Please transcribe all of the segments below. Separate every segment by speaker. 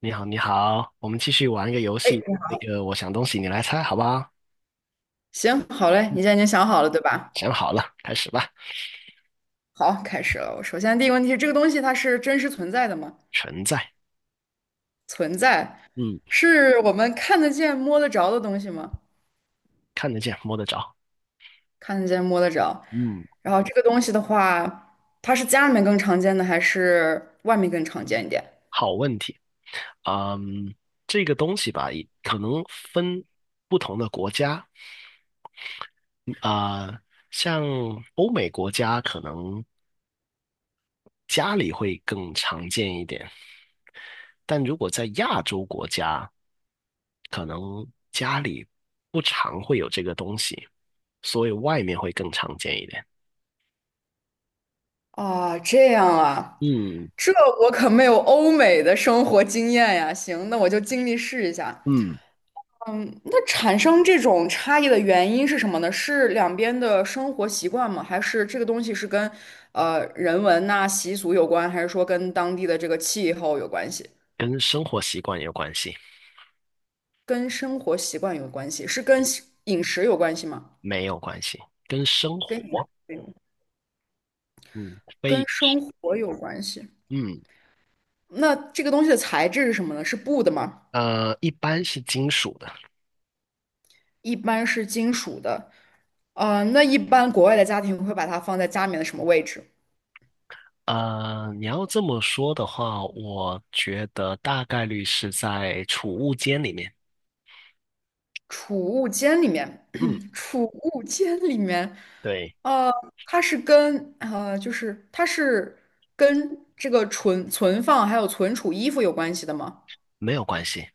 Speaker 1: 你好，你好，我们继续玩一个游
Speaker 2: 哎，
Speaker 1: 戏。那个，我想东西，你来猜，好不好？
Speaker 2: 行，好嘞，你现在已经想好了，对吧？
Speaker 1: 想好了，开始吧。
Speaker 2: 好，开始了。我首先第一个问题是，这个东西它是真实存在的吗？
Speaker 1: 存在。
Speaker 2: 存在，
Speaker 1: 嗯。
Speaker 2: 是我们看得见、摸得着的东西吗？
Speaker 1: 看得见，摸得着。
Speaker 2: 看得见、摸得着。
Speaker 1: 嗯。
Speaker 2: 然后这个东西的话，它是家里面更常见的，还是外面更常见一点？
Speaker 1: 好问题。嗯，这个东西吧，也可能分不同的国家啊，像欧美国家可能家里会更常见一点，但如果在亚洲国家，可能家里不常会有这个东西，所以外面会更常见一点。
Speaker 2: 啊，这样啊，
Speaker 1: 嗯
Speaker 2: 这我可没有欧美的生活经验呀。行，那我就尽力试一下。
Speaker 1: 嗯，
Speaker 2: 产生这种差异的原因是什么呢？是两边的生活习惯吗？还是这个东西是跟人文呐、习俗有关，还是说跟当地的这个气候有关系？
Speaker 1: 跟生活习惯有关系。
Speaker 2: 跟生活习惯有关系？是跟西饮食有关系吗？
Speaker 1: 没有关系。跟生
Speaker 2: 跟饮
Speaker 1: 活，
Speaker 2: 食有关，
Speaker 1: 嗯，
Speaker 2: 跟
Speaker 1: 非，
Speaker 2: 生活有关系。
Speaker 1: 嗯
Speaker 2: 那这个东西的材质是什么呢？是布的吗？
Speaker 1: 呃，一般是金属的。
Speaker 2: 一般是金属的。呃，那一般国外的家庭会把它放在家里面的什么位置？
Speaker 1: 你要这么说的话，我觉得大概率是在储物间里面。
Speaker 2: 储物间里面，
Speaker 1: 嗯，
Speaker 2: 储物间里面，
Speaker 1: 对。
Speaker 2: 呃，它是跟就是它是跟这个存放还有存储衣服有关系的吗？
Speaker 1: 没有关系。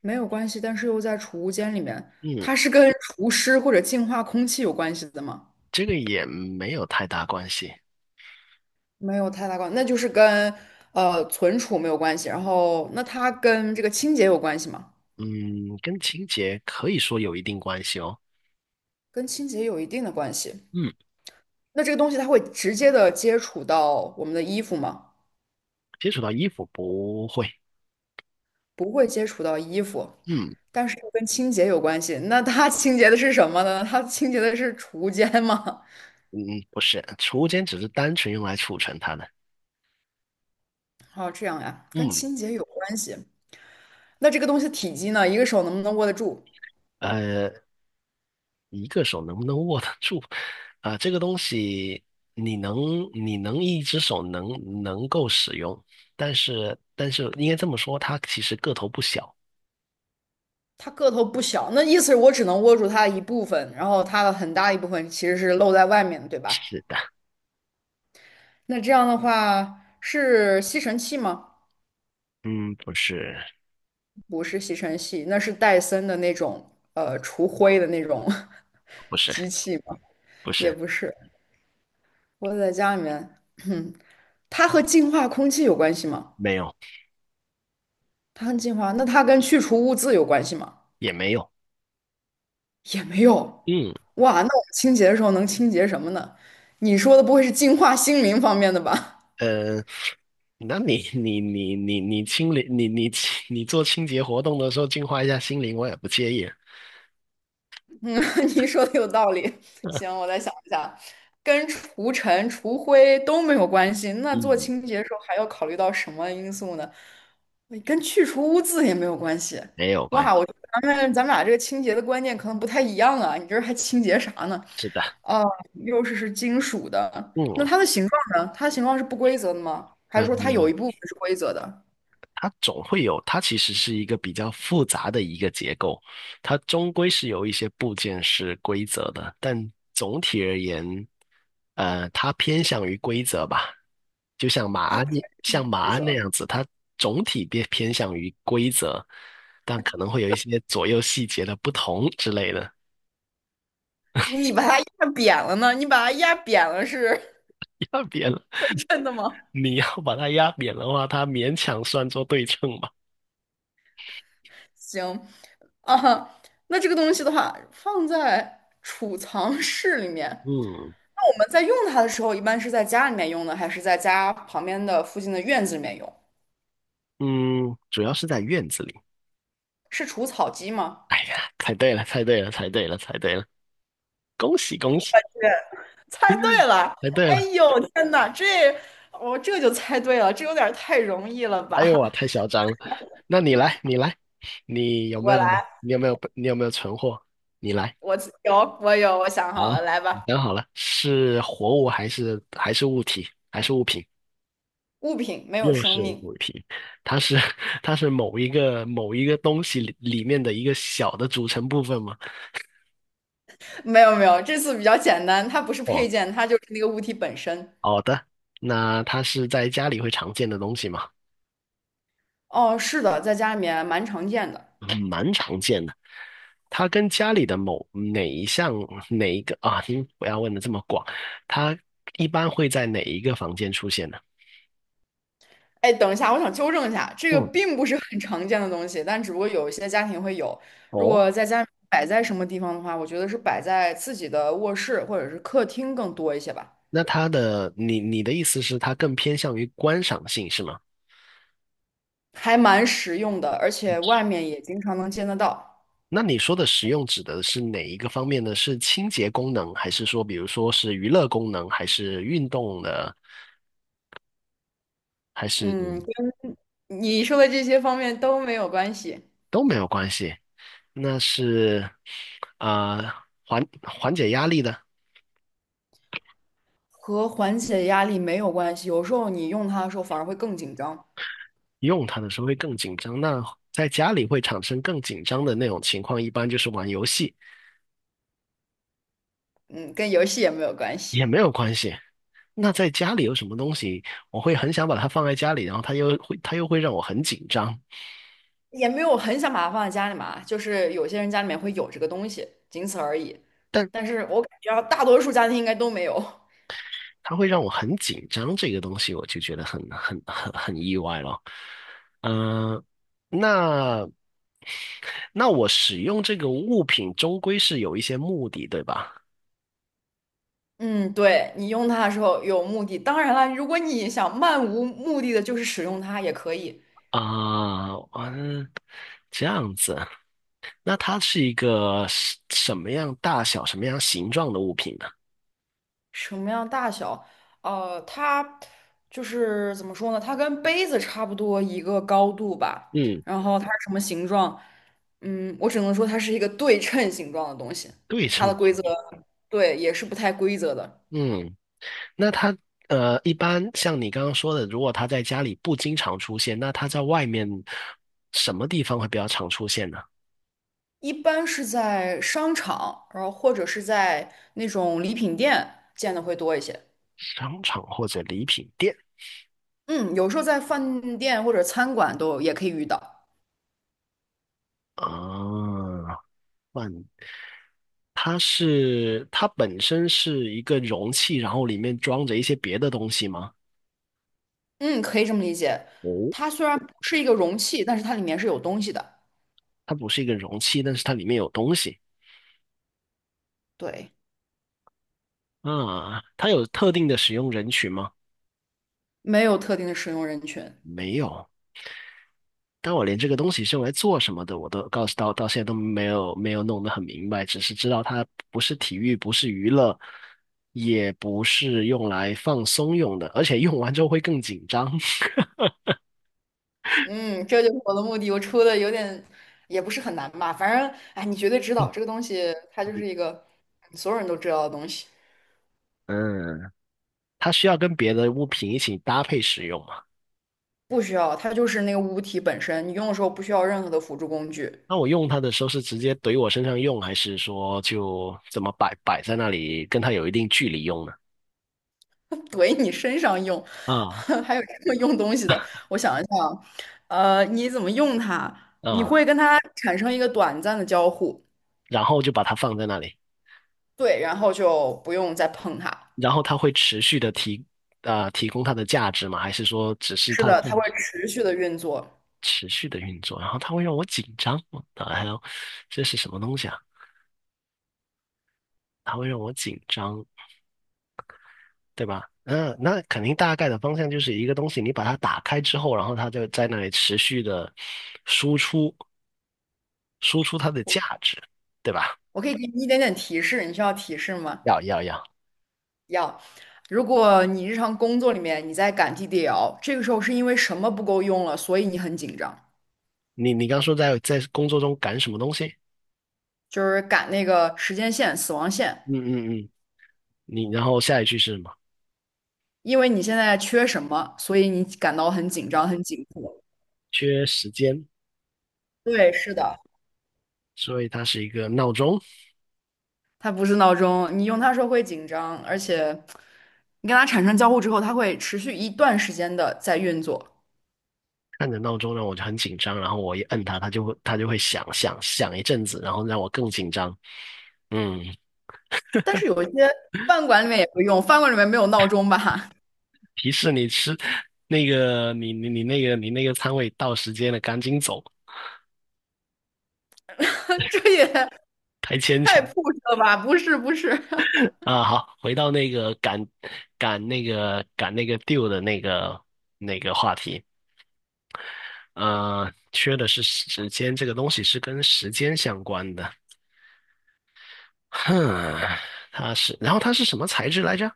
Speaker 2: 没有关系，但是又在储物间里面，
Speaker 1: 嗯，
Speaker 2: 它是跟除湿或者净化空气有关系的吗？
Speaker 1: 这个也没有太大关系。
Speaker 2: 没有太大关，那就是跟存储没有关系。然后，那它跟这个清洁有关系吗？
Speaker 1: 嗯，跟清洁可以说有一定关系哦。
Speaker 2: 跟清洁有一定的关系。
Speaker 1: 嗯。
Speaker 2: 那这个东西它会直接的接触到我们的衣服吗？
Speaker 1: 接触到衣服不会。
Speaker 2: 不会接触到衣服，
Speaker 1: 嗯
Speaker 2: 但是又跟清洁有关系。那它清洁的是什么呢？它清洁的是储物间吗？
Speaker 1: 嗯。不是，储物间只是单纯用来储存它的。
Speaker 2: 哦，这样呀，跟
Speaker 1: 嗯，
Speaker 2: 清洁有关系。那这个东西体积呢？一个手能不能握得住？
Speaker 1: 呃，一个手能不能握得住？啊、这个东西你能你能一只手能够使用，但是应该这么说，它其实个头不小。
Speaker 2: 它个头不小，那意思是我只能握住它的一部分，然后它的很大一部分其实是露在外面的，对吧？
Speaker 1: 是的。
Speaker 2: 那这样的话是吸尘器吗？
Speaker 1: 嗯，不是
Speaker 2: 不是吸尘器，那是戴森的那种除灰的那种
Speaker 1: 不是
Speaker 2: 机器吗？
Speaker 1: 不
Speaker 2: 也
Speaker 1: 是。
Speaker 2: 不是，我在家里面。它和净化空气有关系吗？
Speaker 1: 没有。
Speaker 2: 它和净化，那它跟去除污渍有关系吗？
Speaker 1: 也没有。
Speaker 2: 也没有。
Speaker 1: 嗯，
Speaker 2: 哇，那我们清洁的时候能清洁什么呢？你说的不会是净化心灵方面的吧？
Speaker 1: 呃。那你清理你做清洁活动的时候净化一下心灵，我也不介意。
Speaker 2: 嗯，你说的有道理。行，我 再想一下，跟除尘、除灰都没有关系，那做
Speaker 1: 嗯，
Speaker 2: 清洁的时候还要考虑到什么因素呢？跟去除污渍也没有关系。
Speaker 1: 没有关
Speaker 2: 哇，
Speaker 1: 系。
Speaker 2: 我觉得咱们俩这个清洁的观念可能不太一样啊。你这还清洁啥呢？
Speaker 1: 是的。
Speaker 2: 哦，又是金属的，
Speaker 1: 嗯
Speaker 2: 那它的形状呢？它的形状是不规则的吗？还是说它有
Speaker 1: 嗯。
Speaker 2: 一部分是规则的？
Speaker 1: 它总会有，它其实是一个比较复杂的一个结构，它终归是有一些部件是规则的，但总体而言，它偏向于规则吧，就像马
Speaker 2: 它
Speaker 1: 鞍
Speaker 2: 不是
Speaker 1: 像
Speaker 2: 没
Speaker 1: 马
Speaker 2: 规
Speaker 1: 鞍那
Speaker 2: 则。
Speaker 1: 样子，它总体偏向于规则，但可能会有一些左右细节的不同之类的。
Speaker 2: 你把它压扁了呢？你把它压扁了是
Speaker 1: 压扁了。
Speaker 2: 真的吗？
Speaker 1: 你要把它压扁的话，它勉强算作对称吧。
Speaker 2: 行啊，那这个东西的话，放在储藏室里面。
Speaker 1: 嗯
Speaker 2: 那我们在用它的时候，一般是在家里面用呢，还是在家旁边的附近的院子里面用？
Speaker 1: 嗯。主要是在院子里。
Speaker 2: 是除草机吗？
Speaker 1: 哎呀，猜对了，猜对了，猜对了，猜对了，恭喜恭喜！
Speaker 2: 对，猜对了！
Speaker 1: 猜对
Speaker 2: 哎
Speaker 1: 了！
Speaker 2: 呦，天哪，这我这就猜对了，这有点儿太容易了
Speaker 1: 哎呦
Speaker 2: 吧？
Speaker 1: 哇，太嚣张了。那你来，你来，你 有没
Speaker 2: 我
Speaker 1: 有，
Speaker 2: 来，
Speaker 1: 你有没有，你有没有存货？你来。
Speaker 2: 我我有，我想
Speaker 1: 啊，
Speaker 2: 好了，来
Speaker 1: 你
Speaker 2: 吧。
Speaker 1: 想好了，是活物还是物体还是物品？
Speaker 2: 物品没有
Speaker 1: 又
Speaker 2: 生
Speaker 1: 是
Speaker 2: 命，
Speaker 1: 物品。它是 它是某一个东西里面的一个小的组成部分吗？
Speaker 2: 没有，这次比较简单，它不是
Speaker 1: 哦，
Speaker 2: 配件，它就是那个物体本身。
Speaker 1: 好的。那它是在家里会常见的东西吗？
Speaker 2: 哦，是的，在家里面蛮常见的。
Speaker 1: 嗯，蛮常见的。它跟家里的某哪一项哪一个啊？您不要问的这么广。它一般会在哪一个房间出现呢？
Speaker 2: 哎，等一下，我想纠正一下，这个
Speaker 1: 嗯。
Speaker 2: 并不是很常见的东西，但只不过有一些家庭会有。如
Speaker 1: 哦。
Speaker 2: 果在家里摆在什么地方的话，我觉得是摆在自己的卧室或者是客厅更多一些吧，
Speaker 1: 那它的你的意思是它更偏向于观赏性是吗？
Speaker 2: 还蛮实用的，而且外面也经常能见得到。
Speaker 1: 那你说的实用指的是哪一个方面呢？是清洁功能，还是说比如说是娱乐功能，还是运动的，还是
Speaker 2: 嗯，跟你说的这些方面都没有关系，
Speaker 1: 都没有关系？那是啊、呃缓解压力的。
Speaker 2: 和缓解压力没有关系。有时候你用它的时候反而会更紧张。
Speaker 1: 用它的时候会更紧张。那在家里会产生更紧张的那种情况，一般就是玩游戏，
Speaker 2: 嗯，跟游戏也没有关系。
Speaker 1: 也没有关系。那在家里有什么东西，我会很想把它放在家里，然后它又会让我很紧张。
Speaker 2: 也没有很想把它放在家里嘛，就是有些人家里面会有这个东西，仅此而已。
Speaker 1: 但
Speaker 2: 但是我感觉啊大多数家庭应该都没有。
Speaker 1: 它会让我很紧张这个东西，我就觉得很意外了。嗯、那我使用这个物品终归是有一些目的，对吧？
Speaker 2: 嗯，对，你用它的时候有目的。当然了，如果你想漫无目的的，就是使用它也可以。
Speaker 1: 啊，嗯，这样子。那它是一个什么样大小、什么样形状的物品呢？
Speaker 2: 什么样大小？呃，它就是怎么说呢？它跟杯子差不多一个高度吧。
Speaker 1: 嗯，
Speaker 2: 然后它是什么形状？嗯，我只能说它是一个对称形状的东西。
Speaker 1: 对
Speaker 2: 它
Speaker 1: 称
Speaker 2: 的规
Speaker 1: 性。
Speaker 2: 则，对，也是不太规则的。
Speaker 1: 嗯，那它一般像你刚刚说的，如果它在家里不经常出现，那它在外面什么地方会比较常出现呢？
Speaker 2: 一般是在商场，然后或者是在那种礼品店见的会多一些。
Speaker 1: 商场或者礼品店
Speaker 2: 嗯，有时候在饭店或者餐馆都也可以遇到。
Speaker 1: 啊？换它是它本身是一个容器，然后里面装着一些别的东西吗？
Speaker 2: 嗯，可以这么理解。
Speaker 1: 哦。
Speaker 2: 它虽然不是一个容器，但是它里面是有东西的。
Speaker 1: 它不是一个容器，但是它里面有东西。
Speaker 2: 对，
Speaker 1: 啊，它有特定的使用人群吗？
Speaker 2: 没有特定的使用人群。
Speaker 1: 没有。但我连这个东西是用来做什么的，我都告诉到现在都没有弄得很明白，只是知道它不是体育，不是娱乐，也不是用来放松用的，而且用完之后会更紧张。
Speaker 2: 嗯，这就是我的目的。我出的有点也不是很难吧，反正哎，你绝对知道这个东西，它就是一 个所有人都知道的东西。
Speaker 1: 嗯，它需要跟别的物品一起搭配使用嘛？
Speaker 2: 不需要，它就是那个物体本身，你用的时候不需要任何的辅助工具。
Speaker 1: 那我用它的时候是直接怼我身上用，还是说就怎么摆在那里，跟它有一定距离用呢？
Speaker 2: 怼你身上用，
Speaker 1: 啊
Speaker 2: 还有这么用东西的。我想一想，呃，你怎么用它？你
Speaker 1: 啊，
Speaker 2: 会跟它产生一个短暂的交互，
Speaker 1: 然后就把它放在那里。
Speaker 2: 对，然后就不用再碰它。
Speaker 1: 然后它会持续的提提供它的价值吗？还是说只是
Speaker 2: 是
Speaker 1: 它
Speaker 2: 的，
Speaker 1: 会
Speaker 2: 它会持续的运作。
Speaker 1: 持续的运作？然后它会让我紧张。啊，还有这是什么东西啊？它会让我紧张，对吧？嗯，那肯定大概的方向就是一个东西，你把它打开之后，然后它就在那里持续的输出它的价值，对吧？
Speaker 2: 我可以给你一点点提示，你需要提示吗？
Speaker 1: 要要要。
Speaker 2: 要。如果你日常工作里面你在赶 DDL,这个时候是因为什么不够用了，所以你很紧张，
Speaker 1: 你刚说在工作中赶什么东西？
Speaker 2: 就是赶那个时间线、死亡线，
Speaker 1: 嗯嗯嗯。你然后下一句是什么？
Speaker 2: 因为你现在缺什么，所以你感到很紧张、很紧迫。
Speaker 1: 缺时间，
Speaker 2: 对，是的，
Speaker 1: 所以它是一个闹钟。
Speaker 2: 它不是闹钟，你用它时候会紧张，而且你跟它产生交互之后，它会持续一段时间的在运作。
Speaker 1: 按着闹钟让我就很紧张，然后我一摁它，它就会响响响一阵子，然后让我更紧张。嗯，
Speaker 2: 但是有一些饭馆里面也会用，饭馆里面没有闹钟吧？
Speaker 1: 提示你吃那个你你你那个你那个餐位到时间了，赶紧走，
Speaker 2: 这也
Speaker 1: 太牵强。
Speaker 2: 太 p u 了吧？不是，
Speaker 1: 啊！好，回到那个赶那个 deal 的那个话题，缺的是时间，这个东西是跟时间相关的。哼。它是，然后它是什么材质来着？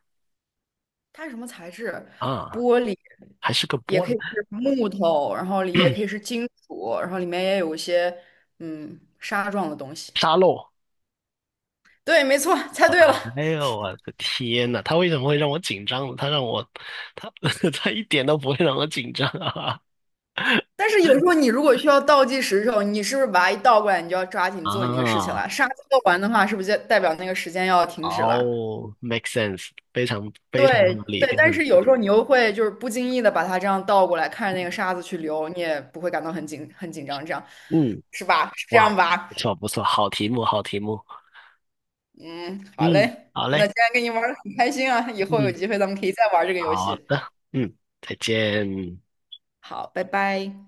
Speaker 2: 它是什么材质？
Speaker 1: 啊，
Speaker 2: 玻璃，
Speaker 1: 还是个
Speaker 2: 也
Speaker 1: 玻
Speaker 2: 可以
Speaker 1: 璃。
Speaker 2: 是木头，然后也可以是 金属，然后里面也有一些纱状的东西。
Speaker 1: 沙漏。
Speaker 2: 对，没错，猜对了。
Speaker 1: 哎呦，我的天呐，他为什么会让我紧张呢？他让我，他 他一点都不会让我紧张啊！
Speaker 2: 但是有时候你如果需要倒计时的时候，你是不是把它一倒过来，你就要抓 紧做你那个事情了？
Speaker 1: 啊。
Speaker 2: 沙子做完的话，是不是就代表那个时间要停止了？
Speaker 1: 哦，make sense，非常非常
Speaker 2: 对
Speaker 1: 合理，
Speaker 2: 对，
Speaker 1: 非常
Speaker 2: 但是
Speaker 1: 合
Speaker 2: 有
Speaker 1: 理。
Speaker 2: 时候你又会就是不经意的把它这样倒过来，看着那个沙子去流，你也不会感到很紧张，这样
Speaker 1: 嗯，
Speaker 2: 是吧？是这
Speaker 1: 哇，
Speaker 2: 样吧？
Speaker 1: 不错不错，好题目，好题目。
Speaker 2: 嗯，好
Speaker 1: 嗯，
Speaker 2: 嘞，
Speaker 1: 好
Speaker 2: 我那
Speaker 1: 嘞。
Speaker 2: 今天跟你玩的很开心啊，以后有
Speaker 1: 嗯，
Speaker 2: 机会咱们可以再玩这个游
Speaker 1: 好
Speaker 2: 戏。
Speaker 1: 的。嗯，再见。
Speaker 2: 好，拜拜。